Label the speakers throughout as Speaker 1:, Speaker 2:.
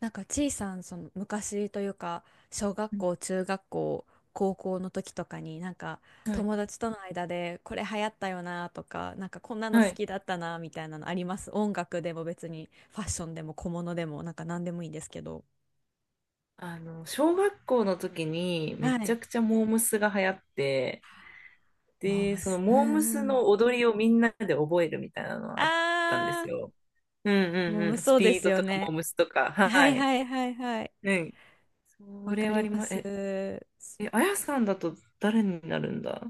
Speaker 1: なんかちいさん、その昔というか、小学
Speaker 2: うん、
Speaker 1: 校、中学校、高校の時とかに、なんか
Speaker 2: はい。
Speaker 1: 友達との間でこれ流行ったよなとか、なんかこんなの
Speaker 2: は
Speaker 1: 好
Speaker 2: い。
Speaker 1: きだったなみたいなのあります？音楽でも別にファッションでも小物でも、なんか何でもいいんですけど。
Speaker 2: 小学校の時にめ
Speaker 1: は
Speaker 2: ちゃ
Speaker 1: い。
Speaker 2: くちゃモームスが流行って、
Speaker 1: モー
Speaker 2: で、
Speaker 1: ム
Speaker 2: その
Speaker 1: ス、うん
Speaker 2: モーム
Speaker 1: う
Speaker 2: ス
Speaker 1: ん。
Speaker 2: の踊りをみんなで覚えるみたいなのがあったんです
Speaker 1: あ
Speaker 2: よ。うんう
Speaker 1: ー、モー
Speaker 2: ん
Speaker 1: ム
Speaker 2: うん。ス
Speaker 1: そうで
Speaker 2: ピー
Speaker 1: す
Speaker 2: ド
Speaker 1: よ
Speaker 2: とかモー
Speaker 1: ね。
Speaker 2: ムスとか。
Speaker 1: は
Speaker 2: は
Speaker 1: い
Speaker 2: い。
Speaker 1: はいはいはい。
Speaker 2: うん。そ
Speaker 1: わ
Speaker 2: れ
Speaker 1: か
Speaker 2: はあ
Speaker 1: り
Speaker 2: り
Speaker 1: ま
Speaker 2: ま、
Speaker 1: す。
Speaker 2: え、え、あやさんだと誰になるんだ。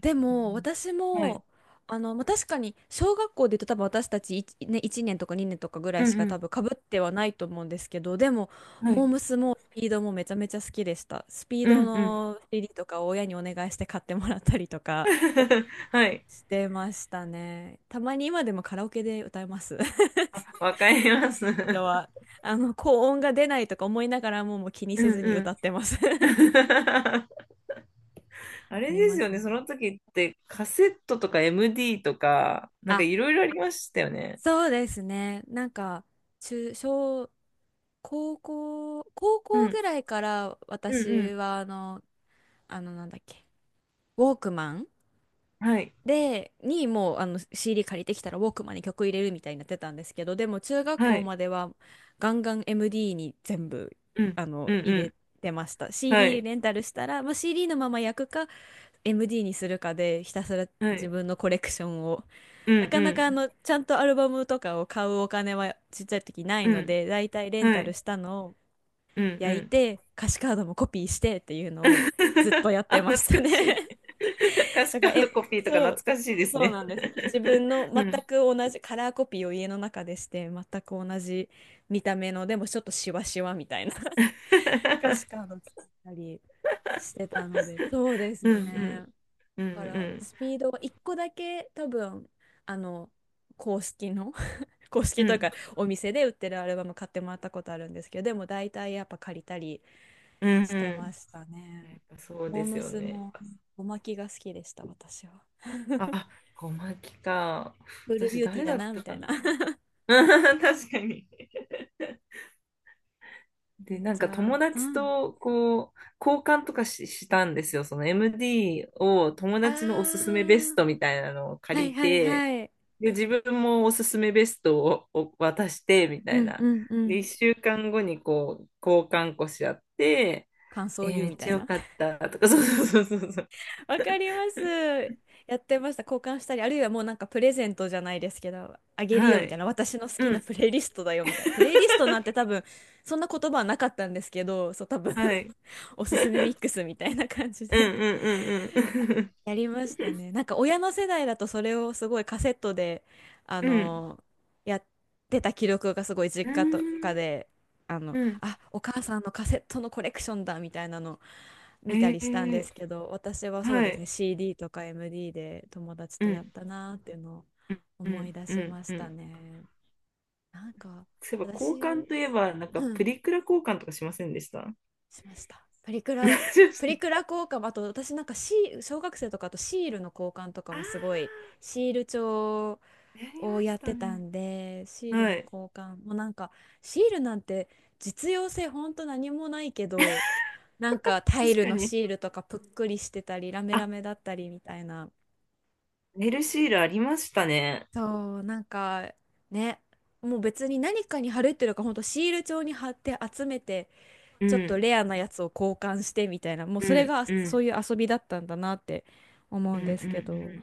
Speaker 1: で
Speaker 2: う
Speaker 1: も
Speaker 2: ん、
Speaker 1: 私
Speaker 2: はい。
Speaker 1: もまあ、確かに小学校で言うと、多分私たちいちね、1年とか2年とかぐら
Speaker 2: う
Speaker 1: いしか多
Speaker 2: ん
Speaker 1: 分かぶってはないと思うんですけど、でも
Speaker 2: うん。は
Speaker 1: モ
Speaker 2: い。
Speaker 1: ームスもスピードもめちゃめちゃ好きでした。スピー
Speaker 2: う
Speaker 1: ド
Speaker 2: んうん。
Speaker 1: の CD とかを親にお願いして買ってもらったりとか
Speaker 2: はい。
Speaker 1: してましたね。たまに今でもカラオケで歌います。 ス
Speaker 2: わかります。
Speaker 1: ピード は、高音が出ないとか思いながらも、もう気に
Speaker 2: う
Speaker 1: せ
Speaker 2: ん
Speaker 1: ずに
Speaker 2: う
Speaker 1: 歌
Speaker 2: ん。
Speaker 1: ってます。
Speaker 2: あ
Speaker 1: あ
Speaker 2: れ
Speaker 1: り
Speaker 2: で
Speaker 1: ま
Speaker 2: す
Speaker 1: す
Speaker 2: よね、
Speaker 1: ね。
Speaker 2: その時ってカセットとか MD とか、なんか
Speaker 1: あ、
Speaker 2: いろいろありましたよね。
Speaker 1: そうですね。なんか、中、小、高校、高
Speaker 2: う
Speaker 1: 校
Speaker 2: ん、
Speaker 1: ぐらいから
Speaker 2: うん、う
Speaker 1: 私
Speaker 2: ん。
Speaker 1: はなんだっけ、ウォークマン
Speaker 2: はい、
Speaker 1: にもうCD 借りてきたらウォークマンに曲入れるみたいになってたんですけど、でも中学
Speaker 2: は
Speaker 1: 校
Speaker 2: い、
Speaker 1: まではガンガン MD に全部
Speaker 2: うん、うん、
Speaker 1: 入
Speaker 2: う
Speaker 1: れ
Speaker 2: ん。
Speaker 1: てました。
Speaker 2: は
Speaker 1: CD
Speaker 2: い、
Speaker 1: レンタルしたら、まあ、CD のまま焼くか MD にするかで、ひたすら
Speaker 2: は
Speaker 1: 自
Speaker 2: い、
Speaker 1: 分のコレクションを、
Speaker 2: うん、
Speaker 1: なかな
Speaker 2: う
Speaker 1: かちゃんとアルバムとかを買うお金はちっちゃい時ないの
Speaker 2: ん、
Speaker 1: で、だいたいレ
Speaker 2: うん、
Speaker 1: ン
Speaker 2: は
Speaker 1: タル
Speaker 2: い、
Speaker 1: したのを
Speaker 2: うん、う
Speaker 1: 焼い
Speaker 2: ん。
Speaker 1: て、歌詞カードもコピーしてっていうのをずっと やっ
Speaker 2: あ、
Speaker 1: てました
Speaker 2: 懐かしい。
Speaker 1: ね。
Speaker 2: 歌 詞
Speaker 1: だか
Speaker 2: カ
Speaker 1: ら、
Speaker 2: ードコピーとか
Speaker 1: そう、
Speaker 2: 懐かしいです
Speaker 1: そう
Speaker 2: ね。
Speaker 1: なんですよ。自分 の全
Speaker 2: うん。
Speaker 1: く同じカラーコピーを家の中でして、全く同じ見た目の、でもちょっとシワシワみたいな 歌詞カー ド作ったりしてたので、そうです
Speaker 2: うん、う
Speaker 1: ね。
Speaker 2: ん、うん、
Speaker 1: だか
Speaker 2: う
Speaker 1: ら、
Speaker 2: ん、
Speaker 1: スピードは一個だけ多分、あの、公式の公
Speaker 2: う
Speaker 1: 式という
Speaker 2: ん、
Speaker 1: か、お店で売ってるアルバム買ってもらったことあるんですけど、でも大体やっぱ借りたり
Speaker 2: うん、
Speaker 1: し
Speaker 2: う
Speaker 1: てま
Speaker 2: ん。
Speaker 1: したね。
Speaker 2: やっぱそう
Speaker 1: モー
Speaker 2: です
Speaker 1: ム
Speaker 2: よ
Speaker 1: ス
Speaker 2: ね。
Speaker 1: もおまきが好きでした、私は。
Speaker 2: あ、小牧か。
Speaker 1: フール
Speaker 2: 私
Speaker 1: ビューティー
Speaker 2: 誰
Speaker 1: だ
Speaker 2: だっ
Speaker 1: なみ
Speaker 2: た
Speaker 1: た
Speaker 2: か
Speaker 1: いな。
Speaker 2: な。うん 確かに。で、なん
Speaker 1: じ
Speaker 2: か
Speaker 1: ゃあ、
Speaker 2: 友
Speaker 1: う
Speaker 2: 達
Speaker 1: ん。
Speaker 2: とこう、交換とかし、したんですよ。その MD を友
Speaker 1: あ
Speaker 2: 達のおすすめベス
Speaker 1: ー、
Speaker 2: トみたいなのを
Speaker 1: は
Speaker 2: 借
Speaker 1: い
Speaker 2: り
Speaker 1: はい
Speaker 2: て、
Speaker 1: はい。
Speaker 2: で、自分もおすすめベストを、を渡して、みた
Speaker 1: う
Speaker 2: い
Speaker 1: んう
Speaker 2: な。
Speaker 1: んう
Speaker 2: で、
Speaker 1: ん。
Speaker 2: 1週間後にこう、交換こし合って、
Speaker 1: 感想を
Speaker 2: えー
Speaker 1: 言う
Speaker 2: め
Speaker 1: み
Speaker 2: っ
Speaker 1: た
Speaker 2: ちゃ
Speaker 1: い
Speaker 2: 良
Speaker 1: な。
Speaker 2: かったとか、そうそうそうそうそう。
Speaker 1: わかります。やってました。交換したり、あるいはもうなんかプレゼントじゃないですけど、あげる
Speaker 2: は
Speaker 1: よみたいな、
Speaker 2: い。
Speaker 1: 私の好
Speaker 2: う
Speaker 1: きな
Speaker 2: ん。
Speaker 1: プレイリストだよみたいな。プレイリストなんて多分、そんな言葉はなかったんですけど、そう、多分
Speaker 2: はい。
Speaker 1: おすすめミ ックスみたいな感じ
Speaker 2: う
Speaker 1: で
Speaker 2: んうんうんうん。
Speaker 1: やりましたね。なんか親の世代だとそれをすごいカセットで、あ
Speaker 2: うん。
Speaker 1: のやってた記録がすごい
Speaker 2: う
Speaker 1: 実家と
Speaker 2: ー
Speaker 1: か
Speaker 2: ん。
Speaker 1: で、
Speaker 2: うん。
Speaker 1: あ、お母さんのカセットのコレクションだみたいなの
Speaker 2: え
Speaker 1: 見たりしたんで
Speaker 2: ー、
Speaker 1: すけど、私はそう
Speaker 2: は
Speaker 1: ですね、
Speaker 2: い。
Speaker 1: CD とか MD で友達
Speaker 2: う
Speaker 1: とやっ
Speaker 2: ん。
Speaker 1: たなーっていうのを
Speaker 2: う
Speaker 1: 思い
Speaker 2: ん
Speaker 1: 出
Speaker 2: う
Speaker 1: し
Speaker 2: ん
Speaker 1: まし
Speaker 2: う
Speaker 1: た
Speaker 2: ん。
Speaker 1: ね。なんか、
Speaker 2: そういえば交換
Speaker 1: 私、
Speaker 2: といえばなんか
Speaker 1: う
Speaker 2: プ
Speaker 1: ん、
Speaker 2: リクラ交換とかしませんでした？
Speaker 1: しました。プリ
Speaker 2: し
Speaker 1: ク
Speaker 2: ま
Speaker 1: ラ、プ
Speaker 2: し
Speaker 1: リク
Speaker 2: た。
Speaker 1: ラ交換、あと私なんかシー、小学生とか、あとシールの交換とか
Speaker 2: あ
Speaker 1: もすごい、シール帳
Speaker 2: ーやり
Speaker 1: を
Speaker 2: ま
Speaker 1: や
Speaker 2: し
Speaker 1: っ
Speaker 2: た
Speaker 1: てた
Speaker 2: ね。
Speaker 1: んで、シール
Speaker 2: は
Speaker 1: の
Speaker 2: い。
Speaker 1: 交換、もうなんか、シールなんて実用性ほんと何もないけど、なんかタイ
Speaker 2: 確
Speaker 1: ル
Speaker 2: か
Speaker 1: の
Speaker 2: に、
Speaker 1: シールとかぷっくりしてたり、ラメ
Speaker 2: あ、
Speaker 1: ラメだったりみたいな。
Speaker 2: ネルシールありましたね。
Speaker 1: そう、なんか、ね、もう別に何かに貼るっていうよりか、ほんとシール帳に貼って集めて、
Speaker 2: う
Speaker 1: ちょっと
Speaker 2: ん
Speaker 1: レアなやつを交換してみたいな、もう
Speaker 2: う
Speaker 1: それ
Speaker 2: ん
Speaker 1: が
Speaker 2: う
Speaker 1: そ
Speaker 2: ん
Speaker 1: ういう遊びだったんだなって思
Speaker 2: う
Speaker 1: う
Speaker 2: ん
Speaker 1: ん
Speaker 2: う
Speaker 1: です
Speaker 2: んう
Speaker 1: け
Speaker 2: ん。
Speaker 1: ど、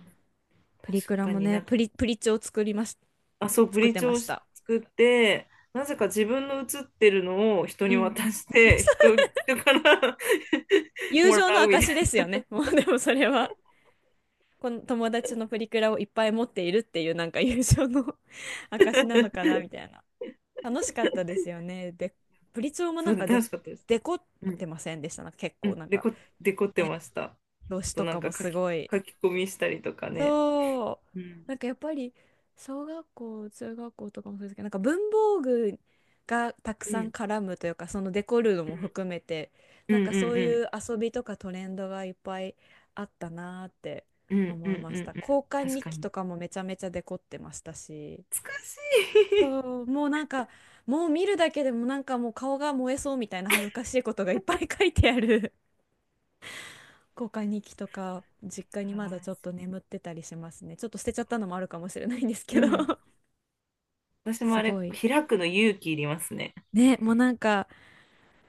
Speaker 1: プ
Speaker 2: 確
Speaker 1: リクラ
Speaker 2: か
Speaker 1: も
Speaker 2: に。
Speaker 1: ね、
Speaker 2: なんか、
Speaker 1: プリチョを
Speaker 2: あ、そうブ
Speaker 1: 作っ
Speaker 2: リー
Speaker 1: て
Speaker 2: チ
Speaker 1: ま
Speaker 2: を
Speaker 1: し
Speaker 2: 作
Speaker 1: た。
Speaker 2: って、なぜか自分の写ってるのを人
Speaker 1: う
Speaker 2: に
Speaker 1: ん。
Speaker 2: 渡して、 人から
Speaker 1: 友
Speaker 2: も
Speaker 1: 情
Speaker 2: ら
Speaker 1: の
Speaker 2: うみたい
Speaker 1: 証で
Speaker 2: な。
Speaker 1: すよね、もうでもそれは。この友達のプリクラをいっぱい持っているっていう、なんか友情の 証なのかなみたいな。楽しかったですよね。で、プリチョも
Speaker 2: そ
Speaker 1: なん
Speaker 2: うで
Speaker 1: か
Speaker 2: 楽しかったです。
Speaker 1: デコってませんでした？なんか結
Speaker 2: う
Speaker 1: 構
Speaker 2: ん、
Speaker 1: なん
Speaker 2: デ
Speaker 1: か
Speaker 2: コ、デコってました。
Speaker 1: 表
Speaker 2: あ
Speaker 1: 紙
Speaker 2: と
Speaker 1: と
Speaker 2: なん
Speaker 1: かも
Speaker 2: か書
Speaker 1: す
Speaker 2: き、
Speaker 1: ごい、
Speaker 2: 書き込みしたりとかね。
Speaker 1: そう。
Speaker 2: うん。
Speaker 1: なんかやっぱり小学校、中学校とかもそうですけど、なんか文房具がたく
Speaker 2: う
Speaker 1: さん
Speaker 2: ん。
Speaker 1: 絡むというか、そのデコるのも含めて、
Speaker 2: うん。
Speaker 1: なん
Speaker 2: う
Speaker 1: か
Speaker 2: ん。
Speaker 1: そう
Speaker 2: うん。
Speaker 1: いう遊びとかトレンドがいっぱいあったなーって
Speaker 2: うん。う
Speaker 1: 思い
Speaker 2: ん。
Speaker 1: ま
Speaker 2: う
Speaker 1: し
Speaker 2: ん
Speaker 1: た。
Speaker 2: うん。
Speaker 1: 交換
Speaker 2: 確
Speaker 1: 日
Speaker 2: か
Speaker 1: 記
Speaker 2: に。
Speaker 1: とかもめちゃめちゃデコってましたし。
Speaker 2: 難しい。
Speaker 1: そう、もうなんか、もう見るだけでもなんかもう顔が燃えそうみたいな、恥ずかしいことがいっぱい書いてある交換日記とか実家 に
Speaker 2: や
Speaker 1: ま
Speaker 2: ば
Speaker 1: だちょっと眠ってたりしますね。ちょっと捨てちゃったのもあるかもしれないんです
Speaker 2: い。う
Speaker 1: けど。
Speaker 2: ん。私も
Speaker 1: す
Speaker 2: あれ、
Speaker 1: ごい。
Speaker 2: 開くの勇気いりますね。
Speaker 1: ね、もうなんか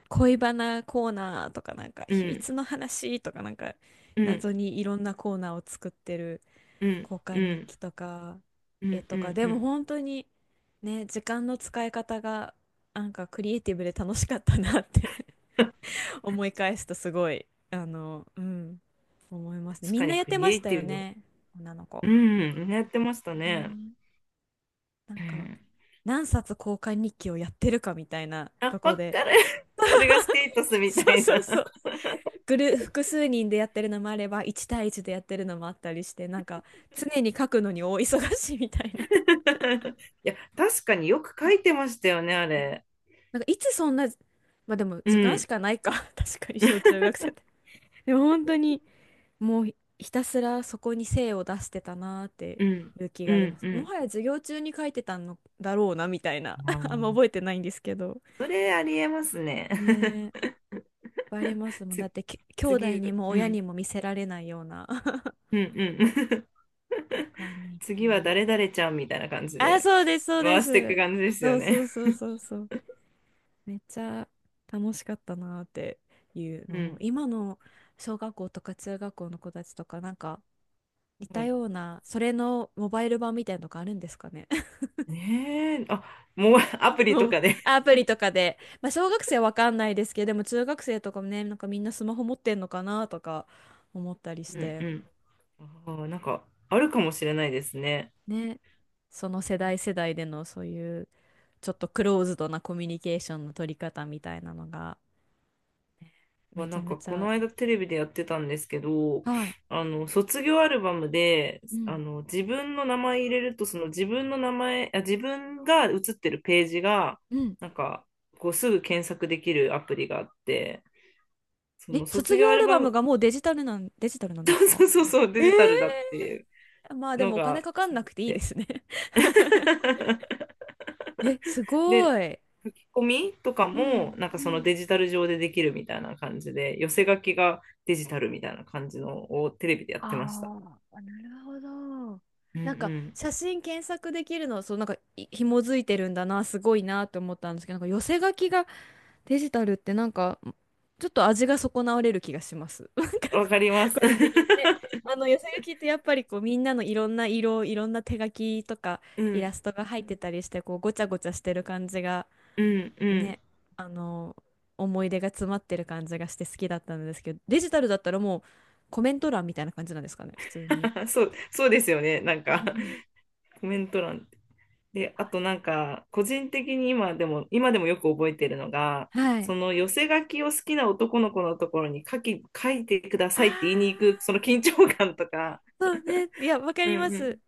Speaker 1: 恋バナコーナーとか、なんか
Speaker 2: う
Speaker 1: 秘
Speaker 2: ん。
Speaker 1: 密の話とか、なんか
Speaker 2: うん。
Speaker 1: 謎にいろんなコーナーを作ってる
Speaker 2: うん。
Speaker 1: 交
Speaker 2: う
Speaker 1: 換日
Speaker 2: ん。
Speaker 1: 記とか、
Speaker 2: う
Speaker 1: 絵
Speaker 2: ん。
Speaker 1: と
Speaker 2: う
Speaker 1: か
Speaker 2: ん。
Speaker 1: で
Speaker 2: う
Speaker 1: も
Speaker 2: ん
Speaker 1: 本当に、ね、時間の使い方がなんかクリエイティブで楽しかったなって 思い返すとすごいあの、うん、思いますね。
Speaker 2: 確
Speaker 1: み
Speaker 2: か
Speaker 1: んな
Speaker 2: に
Speaker 1: やっ
Speaker 2: ク
Speaker 1: て
Speaker 2: リ
Speaker 1: ま
Speaker 2: エ
Speaker 1: し
Speaker 2: イ
Speaker 1: た
Speaker 2: テ
Speaker 1: よ
Speaker 2: ィブ。
Speaker 1: ね、女の子。
Speaker 2: うん。やってましたね。
Speaker 1: ね、なん
Speaker 2: う
Speaker 1: か、
Speaker 2: ん。
Speaker 1: 何冊交換日記をやってるかみたいな
Speaker 2: あ、
Speaker 1: と
Speaker 2: ば
Speaker 1: こ
Speaker 2: っ
Speaker 1: で。
Speaker 2: かり。それがステータスみた
Speaker 1: そう
Speaker 2: い
Speaker 1: そう
Speaker 2: な。
Speaker 1: そう。グル、複数人でやってるのもあれば、1対1でやってるのもあったりして、なんか、常に書くのに大忙しいみたいな。
Speaker 2: いや、確かによく書いてましたよね、あれ。
Speaker 1: なんか、いつそんな、まあでも、
Speaker 2: う
Speaker 1: 時間し
Speaker 2: ん、
Speaker 1: かないか。確かに、小中学生って。でも、本当に、もう、ひたすらそこに精を出してたなーって
Speaker 2: うん、
Speaker 1: いう気
Speaker 2: う
Speaker 1: があり
Speaker 2: ん、
Speaker 1: ます。
Speaker 2: う
Speaker 1: も
Speaker 2: ん。
Speaker 1: はや授業中に書いてたのだろうな、みたいな。
Speaker 2: あ
Speaker 1: あんま
Speaker 2: ー、
Speaker 1: 覚えてないんですけど。
Speaker 2: それありえますね。
Speaker 1: ね、ぱいあります もん。だ
Speaker 2: つ、
Speaker 1: って兄弟
Speaker 2: 次、う
Speaker 1: に
Speaker 2: ん、
Speaker 1: も
Speaker 2: う
Speaker 1: 親に
Speaker 2: ん、
Speaker 1: も見せられないような。
Speaker 2: うん。
Speaker 1: 他 に。
Speaker 2: 次は誰々ちゃんみたいな感じ
Speaker 1: あ、
Speaker 2: で
Speaker 1: そうです、そうで
Speaker 2: 回していく
Speaker 1: す。
Speaker 2: 感じですよ
Speaker 1: そうそ
Speaker 2: ね。
Speaker 1: うそうそうそう。めっちゃ楽しかったなっていう
Speaker 2: う
Speaker 1: のを、
Speaker 2: ん、
Speaker 1: 今の小学校とか中学校の子たちとか、なんか似
Speaker 2: う
Speaker 1: た
Speaker 2: ん。
Speaker 1: ような、それのモバイル版みたいなのがあるんですかね。
Speaker 2: ねえ、あ、もうアプリ
Speaker 1: も
Speaker 2: と
Speaker 1: う
Speaker 2: かで。
Speaker 1: アプリとかで。まあ、小学生はわかんないですけど、でも中学生とかもね、なんかみんなスマホ持ってんのかなとか思ったりし
Speaker 2: うん、
Speaker 1: て。
Speaker 2: うん。あー、なんかあるかもしれないですね。
Speaker 1: ね、その世代世代でのそういうちょっとクローズドなコミュニケーションの取り方みたいなのがね
Speaker 2: は
Speaker 1: めち
Speaker 2: な
Speaker 1: ゃ
Speaker 2: ん
Speaker 1: め
Speaker 2: か
Speaker 1: ち
Speaker 2: こ
Speaker 1: ゃ。
Speaker 2: の間テレビでやってたんですけど、
Speaker 1: はい。
Speaker 2: あの卒業アルバムで
Speaker 1: う
Speaker 2: あ
Speaker 1: ん。
Speaker 2: の自分の名前入れるとその自分の名前、あ、自分が写ってるページが
Speaker 1: うん。
Speaker 2: なんかこうすぐ検索できるアプリがあって、そ
Speaker 1: え、
Speaker 2: の
Speaker 1: 卒
Speaker 2: 卒業
Speaker 1: 業
Speaker 2: ア
Speaker 1: ア
Speaker 2: ル
Speaker 1: ル
Speaker 2: バ
Speaker 1: バム
Speaker 2: ム、
Speaker 1: がもうデジタルなんですか？
Speaker 2: そうそうそうそうデ
Speaker 1: え
Speaker 2: ジタルだって
Speaker 1: え
Speaker 2: いう
Speaker 1: ー、まあで
Speaker 2: の
Speaker 1: もお金
Speaker 2: が。
Speaker 1: かかんなくていいですね。 え、す
Speaker 2: で、
Speaker 1: ごい。
Speaker 2: 書き込みとか
Speaker 1: う
Speaker 2: も
Speaker 1: ん。
Speaker 2: なんか
Speaker 1: う
Speaker 2: その
Speaker 1: ん。
Speaker 2: デジタル上でできるみたいな感じで、寄せ書きがデジタルみたいな感じのをテレビでやってました。
Speaker 1: ああ、なるほど。
Speaker 2: うんう
Speaker 1: なんか
Speaker 2: ん、
Speaker 1: 写真検索できるの、そう、なんか、い、紐づいてるんだな、すごいなって思ったんですけど、なんか寄せ書きがデジタルってなんかちょっと味が損なわれる気がします。なんか
Speaker 2: わかります。
Speaker 1: 個人的にね、あの寄せ書きってやっぱりこうみんなのいろんな色、いろんな手書きとか
Speaker 2: う
Speaker 1: イラ
Speaker 2: ん、
Speaker 1: ストが入ってたりしてこうごちゃごちゃしてる感じが
Speaker 2: うん、うん。
Speaker 1: ね、あの、思い出が詰まってる感じがして好きだったんですけど、デジタルだったらもうコメント欄みたいな感じなんですかね、普通に。
Speaker 2: そう、そうですよね。なん
Speaker 1: う
Speaker 2: か、
Speaker 1: ん。
Speaker 2: コメント欄。で、あとなんか、個人的に今でも、今でもよく覚えてるのが、
Speaker 1: は
Speaker 2: そ
Speaker 1: い。
Speaker 2: の寄せ書きを好きな男の子のところに書いてくださいって言いに行
Speaker 1: ああ、
Speaker 2: く、その緊張感とか。
Speaker 1: そうね。いや、わか
Speaker 2: う
Speaker 1: りま
Speaker 2: ん
Speaker 1: す。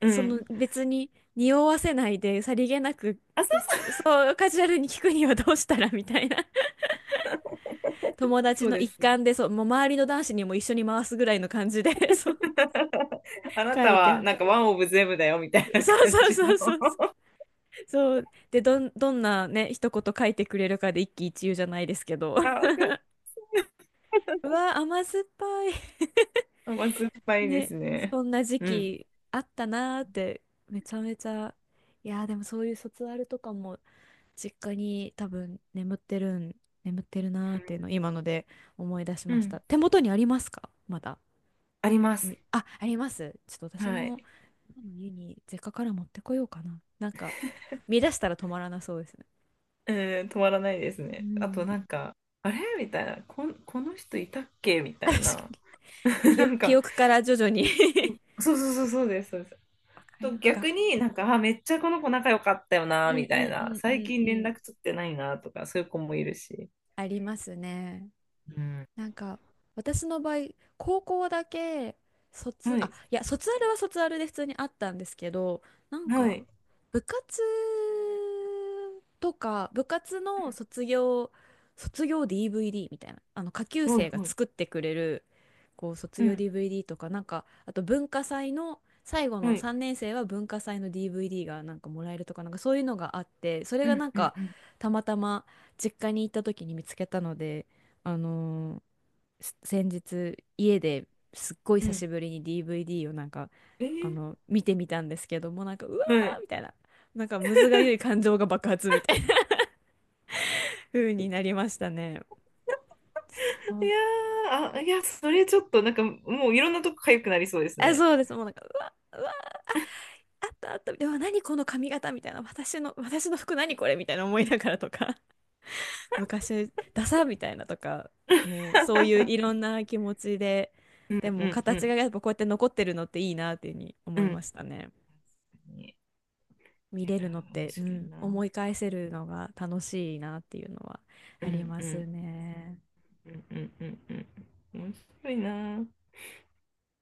Speaker 2: うん。う
Speaker 1: その
Speaker 2: ん。
Speaker 1: 別に匂わせないでさりげなく、
Speaker 2: あ、そ
Speaker 1: う
Speaker 2: う、
Speaker 1: つ、そう、カジュアルに聞くにはどうしたらみたいな。友達
Speaker 2: そう
Speaker 1: の
Speaker 2: で
Speaker 1: 一
Speaker 2: す。
Speaker 1: 環で、そう、もう周りの男子にも一緒に回すぐらいの感じで、そう、
Speaker 2: あな
Speaker 1: 書
Speaker 2: た
Speaker 1: い
Speaker 2: は
Speaker 1: て。
Speaker 2: なんかワンオブゼブだよみたいな
Speaker 1: そう
Speaker 2: 感
Speaker 1: そう
Speaker 2: じ
Speaker 1: そ
Speaker 2: の。
Speaker 1: うそう。そう。で、どんなね、一言書いてくれるかで一喜一憂じゃないですけど。
Speaker 2: あ、わ かる。
Speaker 1: うわ、甘酸っぱい。
Speaker 2: 甘酸っぱ いで
Speaker 1: ね、
Speaker 2: すね。
Speaker 1: そんな時
Speaker 2: うん。
Speaker 1: 期あったなーってめちゃめちゃいやーでもそういう卒アルとかも実家に多分眠ってるなーっていうのを今ので思い出し
Speaker 2: う
Speaker 1: ました。
Speaker 2: ん。
Speaker 1: 手元にありますか、まだ？
Speaker 2: あります。
Speaker 1: あります。ちょっと私
Speaker 2: はい。
Speaker 1: も今の家に実家から持ってこようかな。なんか見出したら止まらなそうですね。
Speaker 2: うん、止まらないです
Speaker 1: う
Speaker 2: ね。あ
Speaker 1: ん。
Speaker 2: となんか、あれみたいな、この人いたっけみ た
Speaker 1: 確
Speaker 2: い
Speaker 1: か
Speaker 2: な。
Speaker 1: に。 記
Speaker 2: な
Speaker 1: 憶、
Speaker 2: ん
Speaker 1: 記
Speaker 2: か、
Speaker 1: 憶から徐々に。
Speaker 2: そうそうそうそうです、そうです。
Speaker 1: わかり
Speaker 2: と
Speaker 1: ますか、
Speaker 2: 逆になんか、あ、めっちゃこの子仲良かったよ
Speaker 1: う
Speaker 2: な、
Speaker 1: ん
Speaker 2: みた
Speaker 1: う
Speaker 2: い
Speaker 1: んう
Speaker 2: な。
Speaker 1: んう
Speaker 2: 最
Speaker 1: ん
Speaker 2: 近
Speaker 1: う
Speaker 2: 連
Speaker 1: ん。
Speaker 2: 絡取ってないな、とか、そういう子もいるし。
Speaker 1: ありますね。
Speaker 2: うん。
Speaker 1: なんか私の場合高校だけ、卒
Speaker 2: は
Speaker 1: あ
Speaker 2: い。
Speaker 1: いや卒アルは卒アルで普通にあったんですけど、なん
Speaker 2: は
Speaker 1: か
Speaker 2: い。
Speaker 1: 部活部活の卒業 DVD みたいな、あの下級
Speaker 2: うん、はい。
Speaker 1: 生が
Speaker 2: はい。
Speaker 1: 作ってくれる、こう卒
Speaker 2: う
Speaker 1: 業
Speaker 2: ん。
Speaker 1: DVD とか、なんかあと文化祭の最後
Speaker 2: は
Speaker 1: の
Speaker 2: い。
Speaker 1: 3年生は文化祭の DVD がなんかもらえるとか、なんかそういうのがあって、それ
Speaker 2: う
Speaker 1: が
Speaker 2: ん。
Speaker 1: なん
Speaker 2: うん。
Speaker 1: か
Speaker 2: うん。
Speaker 1: たまたま実家に行った時に見つけたので。あのー、先日家ですっごい
Speaker 2: う
Speaker 1: 久
Speaker 2: ん、
Speaker 1: しぶりに DVD をなんか、
Speaker 2: え
Speaker 1: あ
Speaker 2: ー、
Speaker 1: の見てみたんですけども、なんかうわ
Speaker 2: はい。
Speaker 1: ーみたいな、なんかむずがゆい感情が爆発みたいな 風になりましたね。そ
Speaker 2: い
Speaker 1: う、
Speaker 2: やー、それちょっとなんか、もういろんなとこ痒くなりそうです
Speaker 1: あ、
Speaker 2: ね。
Speaker 1: そうです。もうなんかうわうわあったあった、でも何この髪型みたいな、私の服何これみたいな思いながらとか 昔ダサみたいなとか、もうそういういろ んな気持ちで、
Speaker 2: うん
Speaker 1: で
Speaker 2: う
Speaker 1: も
Speaker 2: んう
Speaker 1: 形が
Speaker 2: ん。
Speaker 1: やっぱこうやって残ってるのっていいなっていうふうに
Speaker 2: う
Speaker 1: 思いま
Speaker 2: ん
Speaker 1: したね。
Speaker 2: に。
Speaker 1: 見
Speaker 2: いや
Speaker 1: れるのっ
Speaker 2: 面
Speaker 1: て、う
Speaker 2: 白い
Speaker 1: ん、思
Speaker 2: な。
Speaker 1: い返せるのが楽しいなっていうのは
Speaker 2: う
Speaker 1: あり
Speaker 2: ん
Speaker 1: ま
Speaker 2: う
Speaker 1: す
Speaker 2: ん
Speaker 1: ね。
Speaker 2: うんうんうんうん。面白いな。